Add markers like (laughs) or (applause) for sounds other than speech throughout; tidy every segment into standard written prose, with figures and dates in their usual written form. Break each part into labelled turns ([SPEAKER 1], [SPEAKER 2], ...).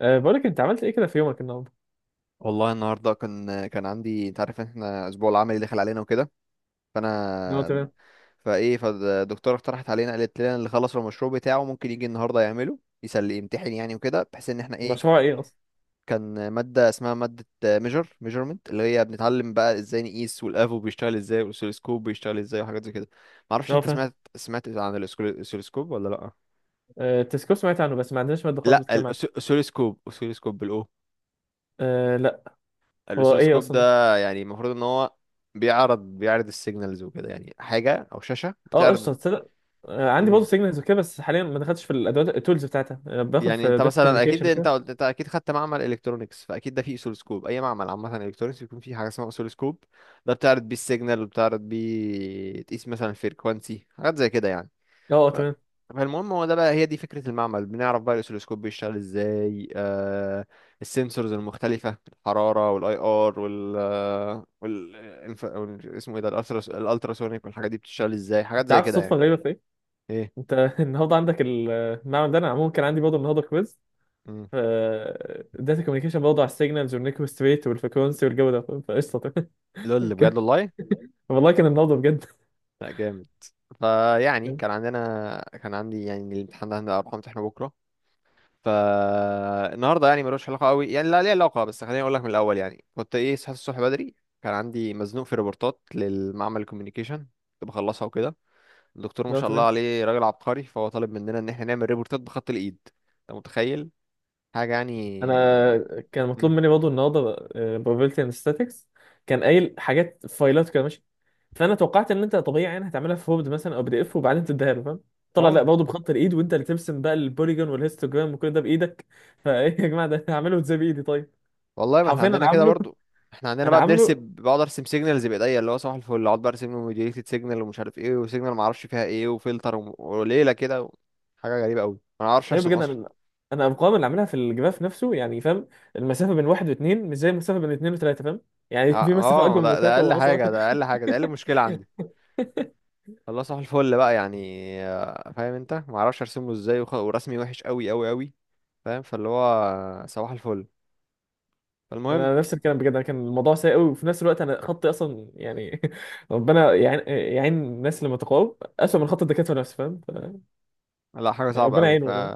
[SPEAKER 1] بقولك انت عملت ايه كده في يومك النهارده؟
[SPEAKER 2] والله النهارده كان عندي، انت عارف ان احنا الاسبوع العملي دخل علينا وكده.
[SPEAKER 1] هو
[SPEAKER 2] فانا
[SPEAKER 1] تمام.
[SPEAKER 2] فايه فالدكتوره اقترحت علينا، قالت لنا اللي خلص المشروع بتاعه ممكن يجي النهارده يعمله يسلي يمتحن يعني وكده، بحيث ان احنا ايه
[SPEAKER 1] مشروع ايه اصلا؟
[SPEAKER 2] كان ماده اسمها ماده ميجر ميجرمنت اللي هي بنتعلم بقى ازاي نقيس، والافو بيشتغل ازاي والاسلسكوب بيشتغل ازاي وحاجات زي كده. معرفش
[SPEAKER 1] هو
[SPEAKER 2] انت
[SPEAKER 1] فاهم.
[SPEAKER 2] سمعت عن الاسلسكوب ولا لا.
[SPEAKER 1] التسكو سمعت عنه، بس ما عندناش ماده خالص
[SPEAKER 2] لا،
[SPEAKER 1] بتتكلم عنه.
[SPEAKER 2] الاسلسكوب اسلسكوب بالأو.
[SPEAKER 1] أه، لا. هو ايه
[SPEAKER 2] الاسلسكوب
[SPEAKER 1] اصلا؟
[SPEAKER 2] ده يعني المفروض ان هو بيعرض السيجنالز وكده، يعني حاجه او شاشه
[SPEAKER 1] اه، قشطه
[SPEAKER 2] بتعرض.
[SPEAKER 1] تصدق. عندي برضه
[SPEAKER 2] امم،
[SPEAKER 1] سيجنالز وكده، بس حاليا ما دخلتش في الادوات التولز بتاعتها. باخد
[SPEAKER 2] يعني
[SPEAKER 1] في
[SPEAKER 2] انت
[SPEAKER 1] داتا
[SPEAKER 2] مثلا اكيد
[SPEAKER 1] كوميونيكيشن
[SPEAKER 2] انت
[SPEAKER 1] كده.
[SPEAKER 2] قلت انت اكيد خدت معمل الكترونكس، فاكيد ده فيه اسلسكوب. اي معمل عامه الكترونكس بيكون فيه حاجه اسمها اسلسكوب. ده بتعرض بيه السيجنال وبتعرض بيه تقيس مثلا الفريكوانسي حاجات زي كده يعني.
[SPEAKER 1] اه، آه،
[SPEAKER 2] ف-
[SPEAKER 1] تمام.
[SPEAKER 2] فالمهم هو ده بقى، هي دي فكرة المعمل. بنعرف بقى الأسيلوسكوب بيشتغل ازاي. السنسورز المختلفة، الحرارة والاي ار اسمه ايه ده، الالتراسونيك والحاجات دي بتشتغل ازاي، حاجات
[SPEAKER 1] انت
[SPEAKER 2] زي
[SPEAKER 1] عارف
[SPEAKER 2] كده
[SPEAKER 1] الصدفه
[SPEAKER 2] يعني.
[SPEAKER 1] الغريبه في ايه؟
[SPEAKER 2] ايه
[SPEAKER 1] انت (laughs) النهارده عندك المعمل ده، انا عموما كان عندي برضه النهارده كويز
[SPEAKER 2] مم.
[SPEAKER 1] ف داتا كوميونيكيشن برضه على السيجنالز والنيكوست ريت والفريكونسي والجو ده، فقشطه تمام.
[SPEAKER 2] لول،
[SPEAKER 1] (laughs)
[SPEAKER 2] بجد
[SPEAKER 1] كان-
[SPEAKER 2] والله.
[SPEAKER 1] والله كان النهارده بجد.
[SPEAKER 2] لا، جامد. فيعني كان عندي يعني الامتحان ده هنبقى اروح امتحانه بكرة. فالنهارده يعني ملوش علاقه قوي، يعني لا ليه علاقه، بس خليني اقول لك من الاول يعني، كنت ايه صحيت الصبح بدري. كان عندي مزنوق في ريبورتات للمعمل الكوميونيكيشن، كنت بخلصها وكده. الدكتور ما
[SPEAKER 1] لا،
[SPEAKER 2] شاء الله
[SPEAKER 1] تمام.
[SPEAKER 2] عليه راجل عبقري، فهو طالب مننا ان احنا نعمل ريبورتات بخط الايد. انت متخيل؟ حاجه يعني
[SPEAKER 1] انا
[SPEAKER 2] اه.
[SPEAKER 1] كان مطلوب
[SPEAKER 2] مم.
[SPEAKER 1] مني برضه النهارده probability and statistics، كان قايل حاجات فايلات كده ماشي. فانا توقعت ان انت طبيعي يعني هتعملها في وورد مثلا او بي دي اف وبعدين تديها له فاهم. طلع لا،
[SPEAKER 2] آه،
[SPEAKER 1] برضه بخط الايد وانت اللي ترسم بقى البوليجون والهيستوجرام وكل ده بايدك. (laughs) فايه يا جماعه، ده هعمله ازاي بايدي طيب.
[SPEAKER 2] والله ما احنا
[SPEAKER 1] حرفيا انا
[SPEAKER 2] عندنا كده
[SPEAKER 1] عامله.
[SPEAKER 2] برضو. احنا عندنا
[SPEAKER 1] انا
[SPEAKER 2] بقى بنرسم،
[SPEAKER 1] عامله
[SPEAKER 2] بقعد ارسم سيجنالز بايديا اللي هو صباح الفل، اقعد بقى ارسم له موديليتد سيجنال ومش عارف ايه وسيجنال ما اعرفش فيها ايه وفلتر وليله كده. حاجه غريبه قوي، انا ما اعرفش
[SPEAKER 1] ايه
[SPEAKER 2] ارسم
[SPEAKER 1] بجد
[SPEAKER 2] اصلا.
[SPEAKER 1] انا. انا الارقام اللي عاملها في الجراف نفسه يعني فاهم، المسافه بين واحد واثنين مش زي المسافه بين اثنين وثلاثه فاهم. يعني (laughs)
[SPEAKER 2] اه
[SPEAKER 1] في مسافه اكبر من
[SPEAKER 2] ده
[SPEAKER 1] مسافه
[SPEAKER 2] اقل حاجه ده
[SPEAKER 1] واصغر.
[SPEAKER 2] اقل حاجه ده اقل
[SPEAKER 1] (laughs)
[SPEAKER 2] مشكله عندي. الله صح الفل بقى يعني. فاهم انت ما اعرفش ارسم له ازاي، ورسمي وحش قوي قوي قوي، فاهم، فاللي هو صباح الفل. فالمهم
[SPEAKER 1] انا نفس الكلام بجد. انا كان الموضوع سيء قوي وفي نفس الوقت انا خطي اصلا يعني. (laughs) ربنا يعين الناس اللي متقاعد اسوء من خط الدكاتره نفسه فاهم،
[SPEAKER 2] لا حاجه
[SPEAKER 1] يعني
[SPEAKER 2] صعبه
[SPEAKER 1] ربنا
[SPEAKER 2] قوي
[SPEAKER 1] يعينه
[SPEAKER 2] ف...
[SPEAKER 1] والله.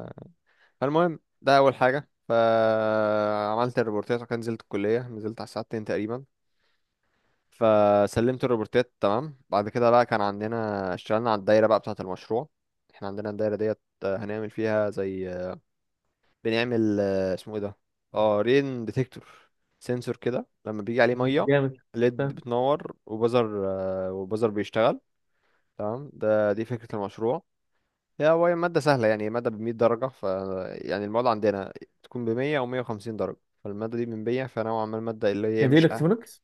[SPEAKER 2] فالمهم ده اول حاجه. فعملت الريبورتات وكان نزلت الكليه، نزلت على الساعه 2 تقريبا. فسلمت الريبورتات تمام. بعد كده بقى كان عندنا اشتغلنا على الدايره بقى بتاعه المشروع. احنا عندنا الدايره ديت، هنعمل فيها زي بنعمل، اسمه ايه ده، اه رين ديتكتور، سنسور كده لما بيجي عليه ميه
[SPEAKER 1] جامد
[SPEAKER 2] ليد
[SPEAKER 1] فاهم.
[SPEAKER 2] بتنور وبزر، وبزر بيشتغل. تمام، ده دي فكرة المشروع. هي هو مادة سهلة، يعني مادة بمية درجة. ف يعني المواد عندنا تكون بمية أو مية وخمسين درجة. فالمادة دي من مية، فنوعا ما المادة اللي هي
[SPEAKER 1] هي دي
[SPEAKER 2] مش أه.
[SPEAKER 1] الكترونكس.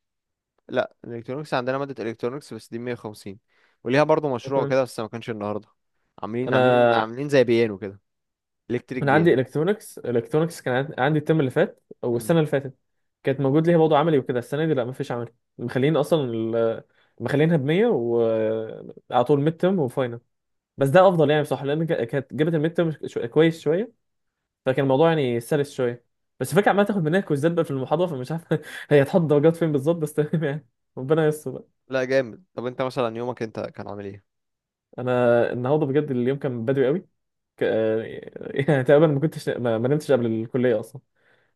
[SPEAKER 2] لا، الإلكترونيكس عندنا مادة إلكترونيكس بس دي مية وخمسين، وليها برضه مشروع كده بس ما كانش النهاردة. عاملين عاملين
[SPEAKER 1] انا
[SPEAKER 2] عاملين زي بيانو كده، إلكتريك
[SPEAKER 1] انا عندي
[SPEAKER 2] بيانو.
[SPEAKER 1] الكترونكس. الكترونكس عندي الترم اللي فات او
[SPEAKER 2] مم.
[SPEAKER 1] السنه اللي فاتت، كانت موجود ليها موضوع عملي وكده. السنه دي لا، مفيش عملي، مخلين اصلا مخلينها ب 100 وعلى طول ميد ترم وفاينل. بس ده افضل يعني بصراحه لان كانت جابت الميد ترم كويس شويه، فكان الموضوع يعني سلس شويه. بس الفكره عماله تاخد مننا كويزات بقى في المحاضره، فمش عارف (laughs) هي هتحط درجات فين بالظبط، بس تمام يعني. ربنا يستر بقى.
[SPEAKER 2] لا، جامد. طب انت مثلا يومك انت كان عامل ايه؟
[SPEAKER 1] انا النهارده بجد اليوم كان بدري قوي. ك... (laughs) آه، يعني تقريبا ما كنتش ما نمتش قبل الكليه اصلا.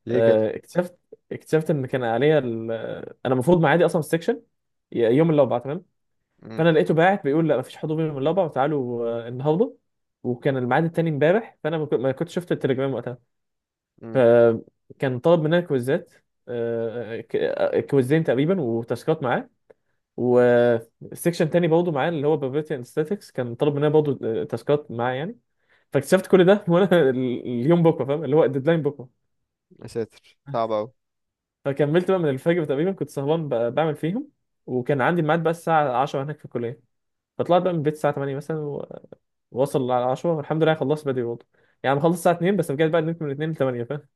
[SPEAKER 2] ليه كده؟
[SPEAKER 1] آه، اكتشفت اكتشفت ان كان عليا انا المفروض معادي اصلا في السكشن يوم الاربعاء تمام.
[SPEAKER 2] امم.
[SPEAKER 1] فانا لقيته باعت بيقول لا مفيش حضور يوم الاربعاء وتعالوا النهارده، وكان الميعاد التاني امبارح. فانا ما كنتش شفت التليجرام وقتها.
[SPEAKER 2] امم،
[SPEAKER 1] كان طلب مننا كويزات، كويزين تقريبا وتاسكات معاه، وسيكشن تاني برضه معاه اللي هو بروبابيلتي اند ستاتكس كان طلب مننا برضه تاسكات معاه يعني. فاكتشفت كل ده وانا (laughs) اليوم بكره فاهم، اللي هو الديدلاين بكره.
[SPEAKER 2] يا ساتر، صعب قوي.
[SPEAKER 1] فكملت بقى من الفجر تقريبا كنت سهران بعمل فيهم، وكان عندي ميعاد بقى الساعه 10 هناك في الكليه. فطلعت بقى من البيت الساعه 8 مثلا ووصل على 10 والحمد لله. خلصت بدري برضه، يعني خلصت الساعه 2. بس رجعت بقى نمت من 2 ل 8 فاهم.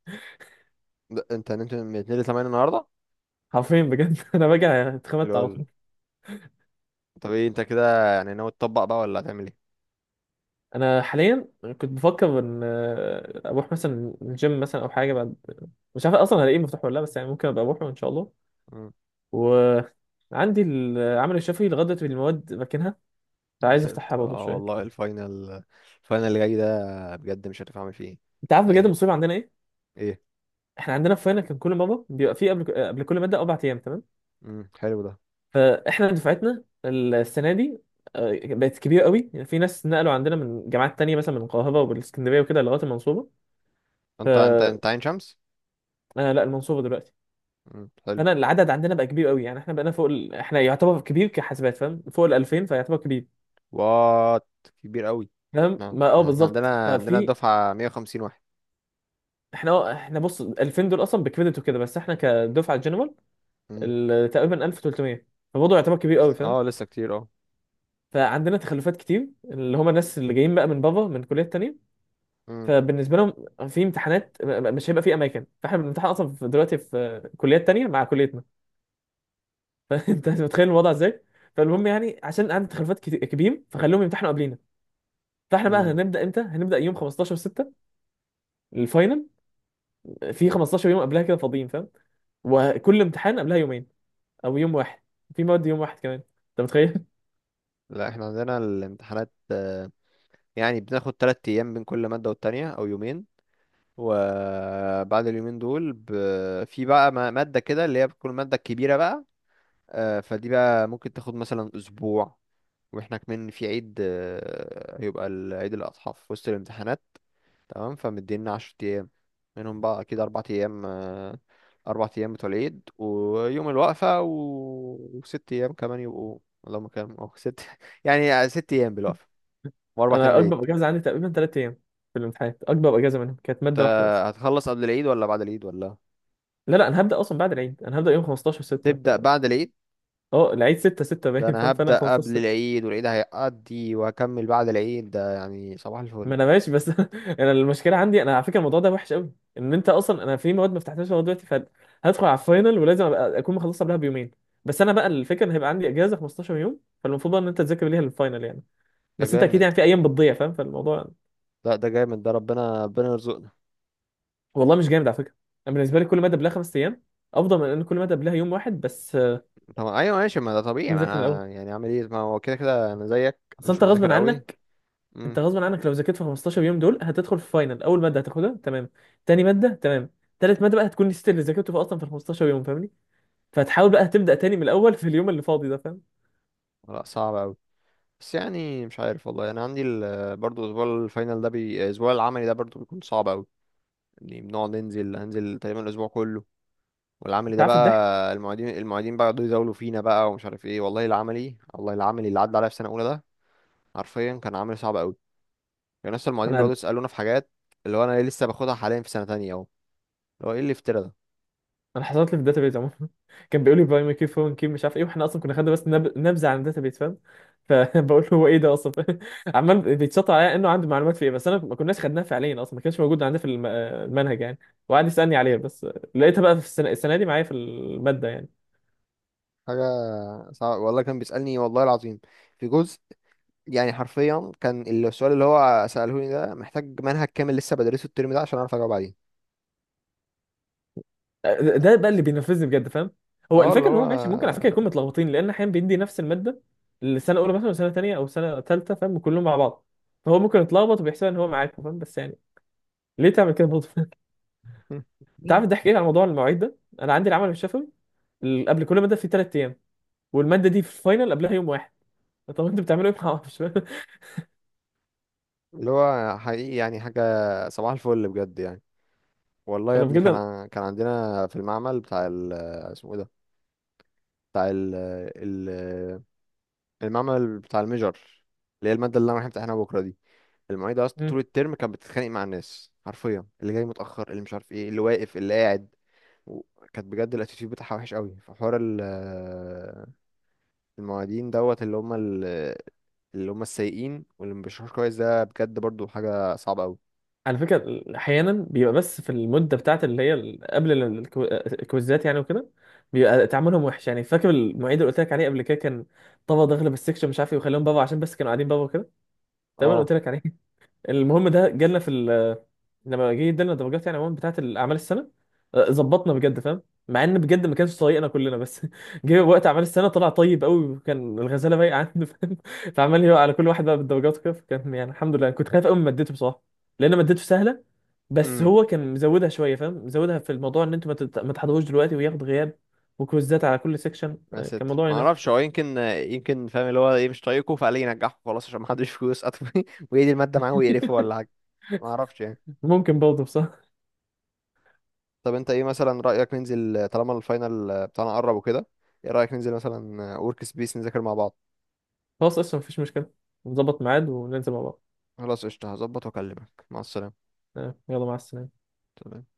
[SPEAKER 2] انت نمت من 2 ل 8 النهارده؟
[SPEAKER 1] حرفيا بجد (laughs) انا راجع اتخمدت على
[SPEAKER 2] لول.
[SPEAKER 1] طول.
[SPEAKER 2] طب ايه انت كده يعني ناوي تطبق بقى ولا هتعمل ايه؟
[SPEAKER 1] انا حاليا كنت بفكر ان اروح مثلا الجيم مثلا او حاجه، بعد مش عارف اصلا هلاقيه مفتوح ولا لا، بس يعني ممكن ابقى اروحه ان شاء الله.
[SPEAKER 2] امم.
[SPEAKER 1] وعندي العمل الشفوي لغايه دلوقتي المواد راكنها،
[SPEAKER 2] يا
[SPEAKER 1] فعايز
[SPEAKER 2] ساتر
[SPEAKER 1] افتحها برضه
[SPEAKER 2] اه،
[SPEAKER 1] شويه.
[SPEAKER 2] والله الفاينل، الفاينل اللي جاي ده بجد مش عارف اعمل فيه ايه.
[SPEAKER 1] انت عارف بجد
[SPEAKER 2] حقيقي.
[SPEAKER 1] المصيبه عندنا ايه؟
[SPEAKER 2] ايه؟
[SPEAKER 1] احنا عندنا في فاينل كان كل مره بيبقى فيه قبل كل ماده اربع ايام تمام.
[SPEAKER 2] امم، حلو ده.
[SPEAKER 1] فاحنا دفعتنا السنه دي بقت كبيره قوي، يعني في ناس نقلوا عندنا من جامعات تانية مثلا، من القاهره والاسكندريه وكده لغايه المنصوره. ف
[SPEAKER 2] انت عين شمس؟
[SPEAKER 1] انا لا، المنصوره دلوقتي.
[SPEAKER 2] امم، حلو.
[SPEAKER 1] انا العدد عندنا بقى كبير قوي، يعني احنا بقينا فوق احنا يعتبر كبير كحاسبات فاهم، فوق ال 2000 فيعتبر كبير
[SPEAKER 2] وات، كبير قوي.
[SPEAKER 1] فاهم،
[SPEAKER 2] نعم،
[SPEAKER 1] ما
[SPEAKER 2] احنا
[SPEAKER 1] بالظبط
[SPEAKER 2] عندنا
[SPEAKER 1] ففي.
[SPEAKER 2] الدفعه 150 واحد.
[SPEAKER 1] احنا بص 2000 دول اصلا بكريدت وكده، بس احنا كدفعه جنرال
[SPEAKER 2] امم،
[SPEAKER 1] تقريبا 1300، فبرضه يعتبر كبير قوي فاهم.
[SPEAKER 2] اه لسه كتير اه.
[SPEAKER 1] فعندنا تخلفات كتير اللي هم الناس اللي جايين بقى من بره من كليات تانية. فبالنسبه لهم في امتحانات مش هيبقى في اماكن. فاحنا بنمتحن اصلا دلوقتي في كليات تانية مع كليتنا. (laughs) فانت متخيل الوضع ازاي. فالمهم يعني عشان عندي تخلفات كبير، فخلوهم يمتحنوا قبلينا. فاحنا بقى
[SPEAKER 2] امم.
[SPEAKER 1] هنبدا امتى؟ هنبدا يوم 15 6 الفاينل، في 15 يوم قبلها كده فاضيين فاهم، وكل امتحان قبلها يومين او يوم واحد، في مواد يوم واحد كمان. انت متخيل؟
[SPEAKER 2] لا، احنا عندنا الامتحانات، يعني بناخد تلات ايام بين كل مادة والتانية او يومين. وبعد اليومين دول ب... في بقى مادة كده اللي هي بتكون المادة الكبيرة بقى. فدي بقى ممكن تاخد مثلا اسبوع. واحنا كمان في عيد، هيبقى عيد الاضحى في وسط الامتحانات. تمام، فمدينا عشر ايام. منهم بقى اكيد اربع ايام، اربع ايام بتوع العيد ويوم الوقفة و... وست ايام كمان يبقوا، اللهم كام اه ست. (laughs) يعني ست ايام بالوقفة
[SPEAKER 1] (laughs)
[SPEAKER 2] واربع ايام
[SPEAKER 1] انا اكبر
[SPEAKER 2] العيد.
[SPEAKER 1] اجازه عندي تقريبا ثلاث ايام في الامتحانات، اكبر اجازه منهم كانت
[SPEAKER 2] انت
[SPEAKER 1] ماده واحده بس.
[SPEAKER 2] هتخلص قبل العيد ولا بعد العيد ولا؟
[SPEAKER 1] لا، لا، انا هبدا اصلا بعد العيد. انا هبدا يوم 15 6،
[SPEAKER 2] تبدأ بعد العيد.
[SPEAKER 1] العيد 6 6
[SPEAKER 2] ده
[SPEAKER 1] باين
[SPEAKER 2] انا
[SPEAKER 1] فاهم، فانا
[SPEAKER 2] هبدأ قبل
[SPEAKER 1] 15.
[SPEAKER 2] العيد والعيد هيقضي وهكمل بعد العيد، ده يعني صباح الفل.
[SPEAKER 1] ما انا ماشي بس (laughs) انا المشكله عندي. انا على فكره الموضوع ده وحش قوي، ان انت اصلا انا في مواد ما فتحتهاش لغايه دلوقتي، فهدخل على الفاينل ولازم أبقى اكون مخلصها قبلها بيومين. بس انا بقى الفكره ان هيبقى عندي اجازه 15 يوم، فالمفروض بقى ان انت تذاكر ليها للفاينل يعني.
[SPEAKER 2] ده
[SPEAKER 1] بس انت اكيد
[SPEAKER 2] جامد.
[SPEAKER 1] يعني في ايام بتضيع فاهم، فالموضوع
[SPEAKER 2] لا، ده جامد، ده ربنا ربنا يرزقنا.
[SPEAKER 1] والله مش جامد على فكره. انا بالنسبه لي كل ماده قبلها خمس ايام افضل من ان كل ماده قبلها يوم واحد بس.
[SPEAKER 2] طب ايوه ماشي، ما ده طبيعي،
[SPEAKER 1] أكون
[SPEAKER 2] ما
[SPEAKER 1] مذاكر من
[SPEAKER 2] انا
[SPEAKER 1] الاول،
[SPEAKER 2] يعني اعمل ايه، ما هو كده كده انا زيك،
[SPEAKER 1] اصل
[SPEAKER 2] مش
[SPEAKER 1] انت غصب
[SPEAKER 2] مذاكر قوي.
[SPEAKER 1] عنك. انت
[SPEAKER 2] امم.
[SPEAKER 1] غصب عنك لو ذاكرت في 15 يوم دول، هتدخل في فاينل اول ماده هتاخدها تمام، تاني ماده تمام، تالت ماده بقى هتكون نسيت اللي ذاكرته في اصلا في 15 يوم فاهمني، فتحاول بقى تبدأ تاني من الأول في اليوم اللي فاضي ده فاهم.
[SPEAKER 2] لا، صعب قوي، بس يعني مش عارف والله. انا عندي برضو اسبوع الفاينل ده بي... الاسبوع العملي ده برضو بيكون صعب قوي. يعني بنقعد ننزل، هنزل تقريبا الاسبوع كله، والعملي
[SPEAKER 1] انت
[SPEAKER 2] ده
[SPEAKER 1] عارف الضحك؟
[SPEAKER 2] بقى المعيدين بقى يقعدوا يزاولوا فينا بقى، ومش عارف ايه والله. العملي والله العملي اللي عدى عليا في سنه اولى ده حرفيا كان عملي صعب قوي. يعني لسه المعيدين بيقعدوا
[SPEAKER 1] انا
[SPEAKER 2] يسالونا في حاجات اللي هو انا ليه لسه باخدها حاليا في سنه تانية اهو، اللي هو ايه اللي افترى ده.
[SPEAKER 1] انا حصلت لي في الداتابيز عموما. (laughs) كان بيقول لي باي ماي كي فون كي مش عارف ايه، واحنا اصلا كنا خدنا بس نبذه عن الداتابيز فاهم. فبقول (laughs) له هو ايه ده اصلا (laughs) فاهم؟ عمال بيتشطر عليا انه عنده معلومات في ايه، بس انا ما كناش خدناها، فعليا اصلا ما كانش موجود عندنا في المنهج يعني. وقعد يسالني عليها بس. لقيتها بقى في السنة دي معايا في الماده يعني.
[SPEAKER 2] حاجه، صعب والله، كان بيسالني والله العظيم في جزء يعني. حرفيا كان السؤال اللي هو ساله لي ده محتاج منهج كامل لسه بدرسه الترم ده عشان اعرف اجاوب عليه.
[SPEAKER 1] ده بقى اللي بينفذني بجد فاهم. هو
[SPEAKER 2] اه اللي
[SPEAKER 1] الفكره ان
[SPEAKER 2] هو،
[SPEAKER 1] هو ماشي، ممكن على فكره يكون متلخبطين، لان احيانا بيدي نفس الماده السنه الاولى مثلا وسنه تانيه او سنه تالته فاهم، كلهم مع بعض، فهو ممكن يتلخبط وبيحسب ان هو معاكم فاهم، بس يعني ليه تعمل كده برضه؟ (laughs) انت عارف الضحك
[SPEAKER 2] (laughs)
[SPEAKER 1] ايه على موضوع المواعيد ده؟ انا عندي العمل الشفوي قبل كل ماده في ثلاث ايام، والماده دي في الفاينل قبلها يوم واحد. طب انتوا بتعملوا ايه؟ (laughs) ما اعرفش.
[SPEAKER 2] اللي هو حقيقي يعني حاجه، صباح الفل بجد يعني. والله يا
[SPEAKER 1] انا
[SPEAKER 2] ابني
[SPEAKER 1] بجد
[SPEAKER 2] كان عندنا في المعمل بتاع ال آه، اسمه ايه ده، بتاع ال آه، ال آه، المعمل بتاع الميجر، اللي هي المادة اللي انا رايح امتحنها بكرة دي. المعيدة اصلا طول الترم كانت بتتخانق مع الناس حرفيا، اللي جاي متأخر اللي مش عارف ايه اللي واقف اللي قاعد و- كانت بجد الاتيتيود بتاعها وحش قوي. فحوار ال آه، المعيدين دوت اللي هم اللي هم السيئين واللي ما بيشرحوش كويس، ده بجد برضو حاجة صعبة قوي.
[SPEAKER 1] على فكرة أحيانا بيبقى بس في المدة بتاعت اللي هي الكويزات يعني وكده، بيبقى تعاملهم وحش يعني. فاكر المعيد اللي قلت لك عليه قبل كده، كان طبعا داخل بالسكشن مش عارف ايه، وخليهم بابا عشان بس كانوا قاعدين بابا كده تمام،
[SPEAKER 2] اه،
[SPEAKER 1] قلت لك عليه. (laughs) المهم، ده جالنا في لما جه ادالنا درجات يعني عموما بتاعت الاعمال السنه ظبطنا بجد فاهم، مع ان بجد ما كانش طايقنا كلنا، بس (laughs) جه وقت اعمال السنه طلع طيب قوي، وكان الغزاله بايقه عنده فاهم. (laughs) فعمال يقع على كل واحد بقى بالدرجات وكده، فكان يعني الحمد لله. كنت خايف قوي من مادته بصراحه، لان مادته سهله، بس هو كان مزودها شويه فاهم، مزودها في الموضوع ان انتوا ما تحضروش دلوقتي وياخد غياب وكويزات على كل سيكشن.
[SPEAKER 2] ما
[SPEAKER 1] كان
[SPEAKER 2] ستر
[SPEAKER 1] موضوع
[SPEAKER 2] ما
[SPEAKER 1] ينفع؟
[SPEAKER 2] اعرفش، هو يمكن يمكن فاهم اللي هو ايه مش طايقه فقال لي ينجحه خلاص عشان ما حدش فلوس (laughs) قطمي ويدي الماده معاه ويقرفه ولا
[SPEAKER 1] (laughs)
[SPEAKER 2] حاجه، ما اعرفش يعني.
[SPEAKER 1] ممكن برضه بصراحه.
[SPEAKER 2] طب انت ايه مثلا رايك ننزل طالما الفاينل بتاعنا قرب وكده؟ ايه رايك ننزل مثلا ورك سبيس نذاكر مع بعض؟
[SPEAKER 1] خلاص، اصلا مفيش مشكله، نظبط ميعاد وننزل مع بعض.
[SPEAKER 2] خلاص قشطه، هظبط واكلمك. مع السلامه.
[SPEAKER 1] آه، يلا، مع السلامه.
[SPEAKER 2] تمام.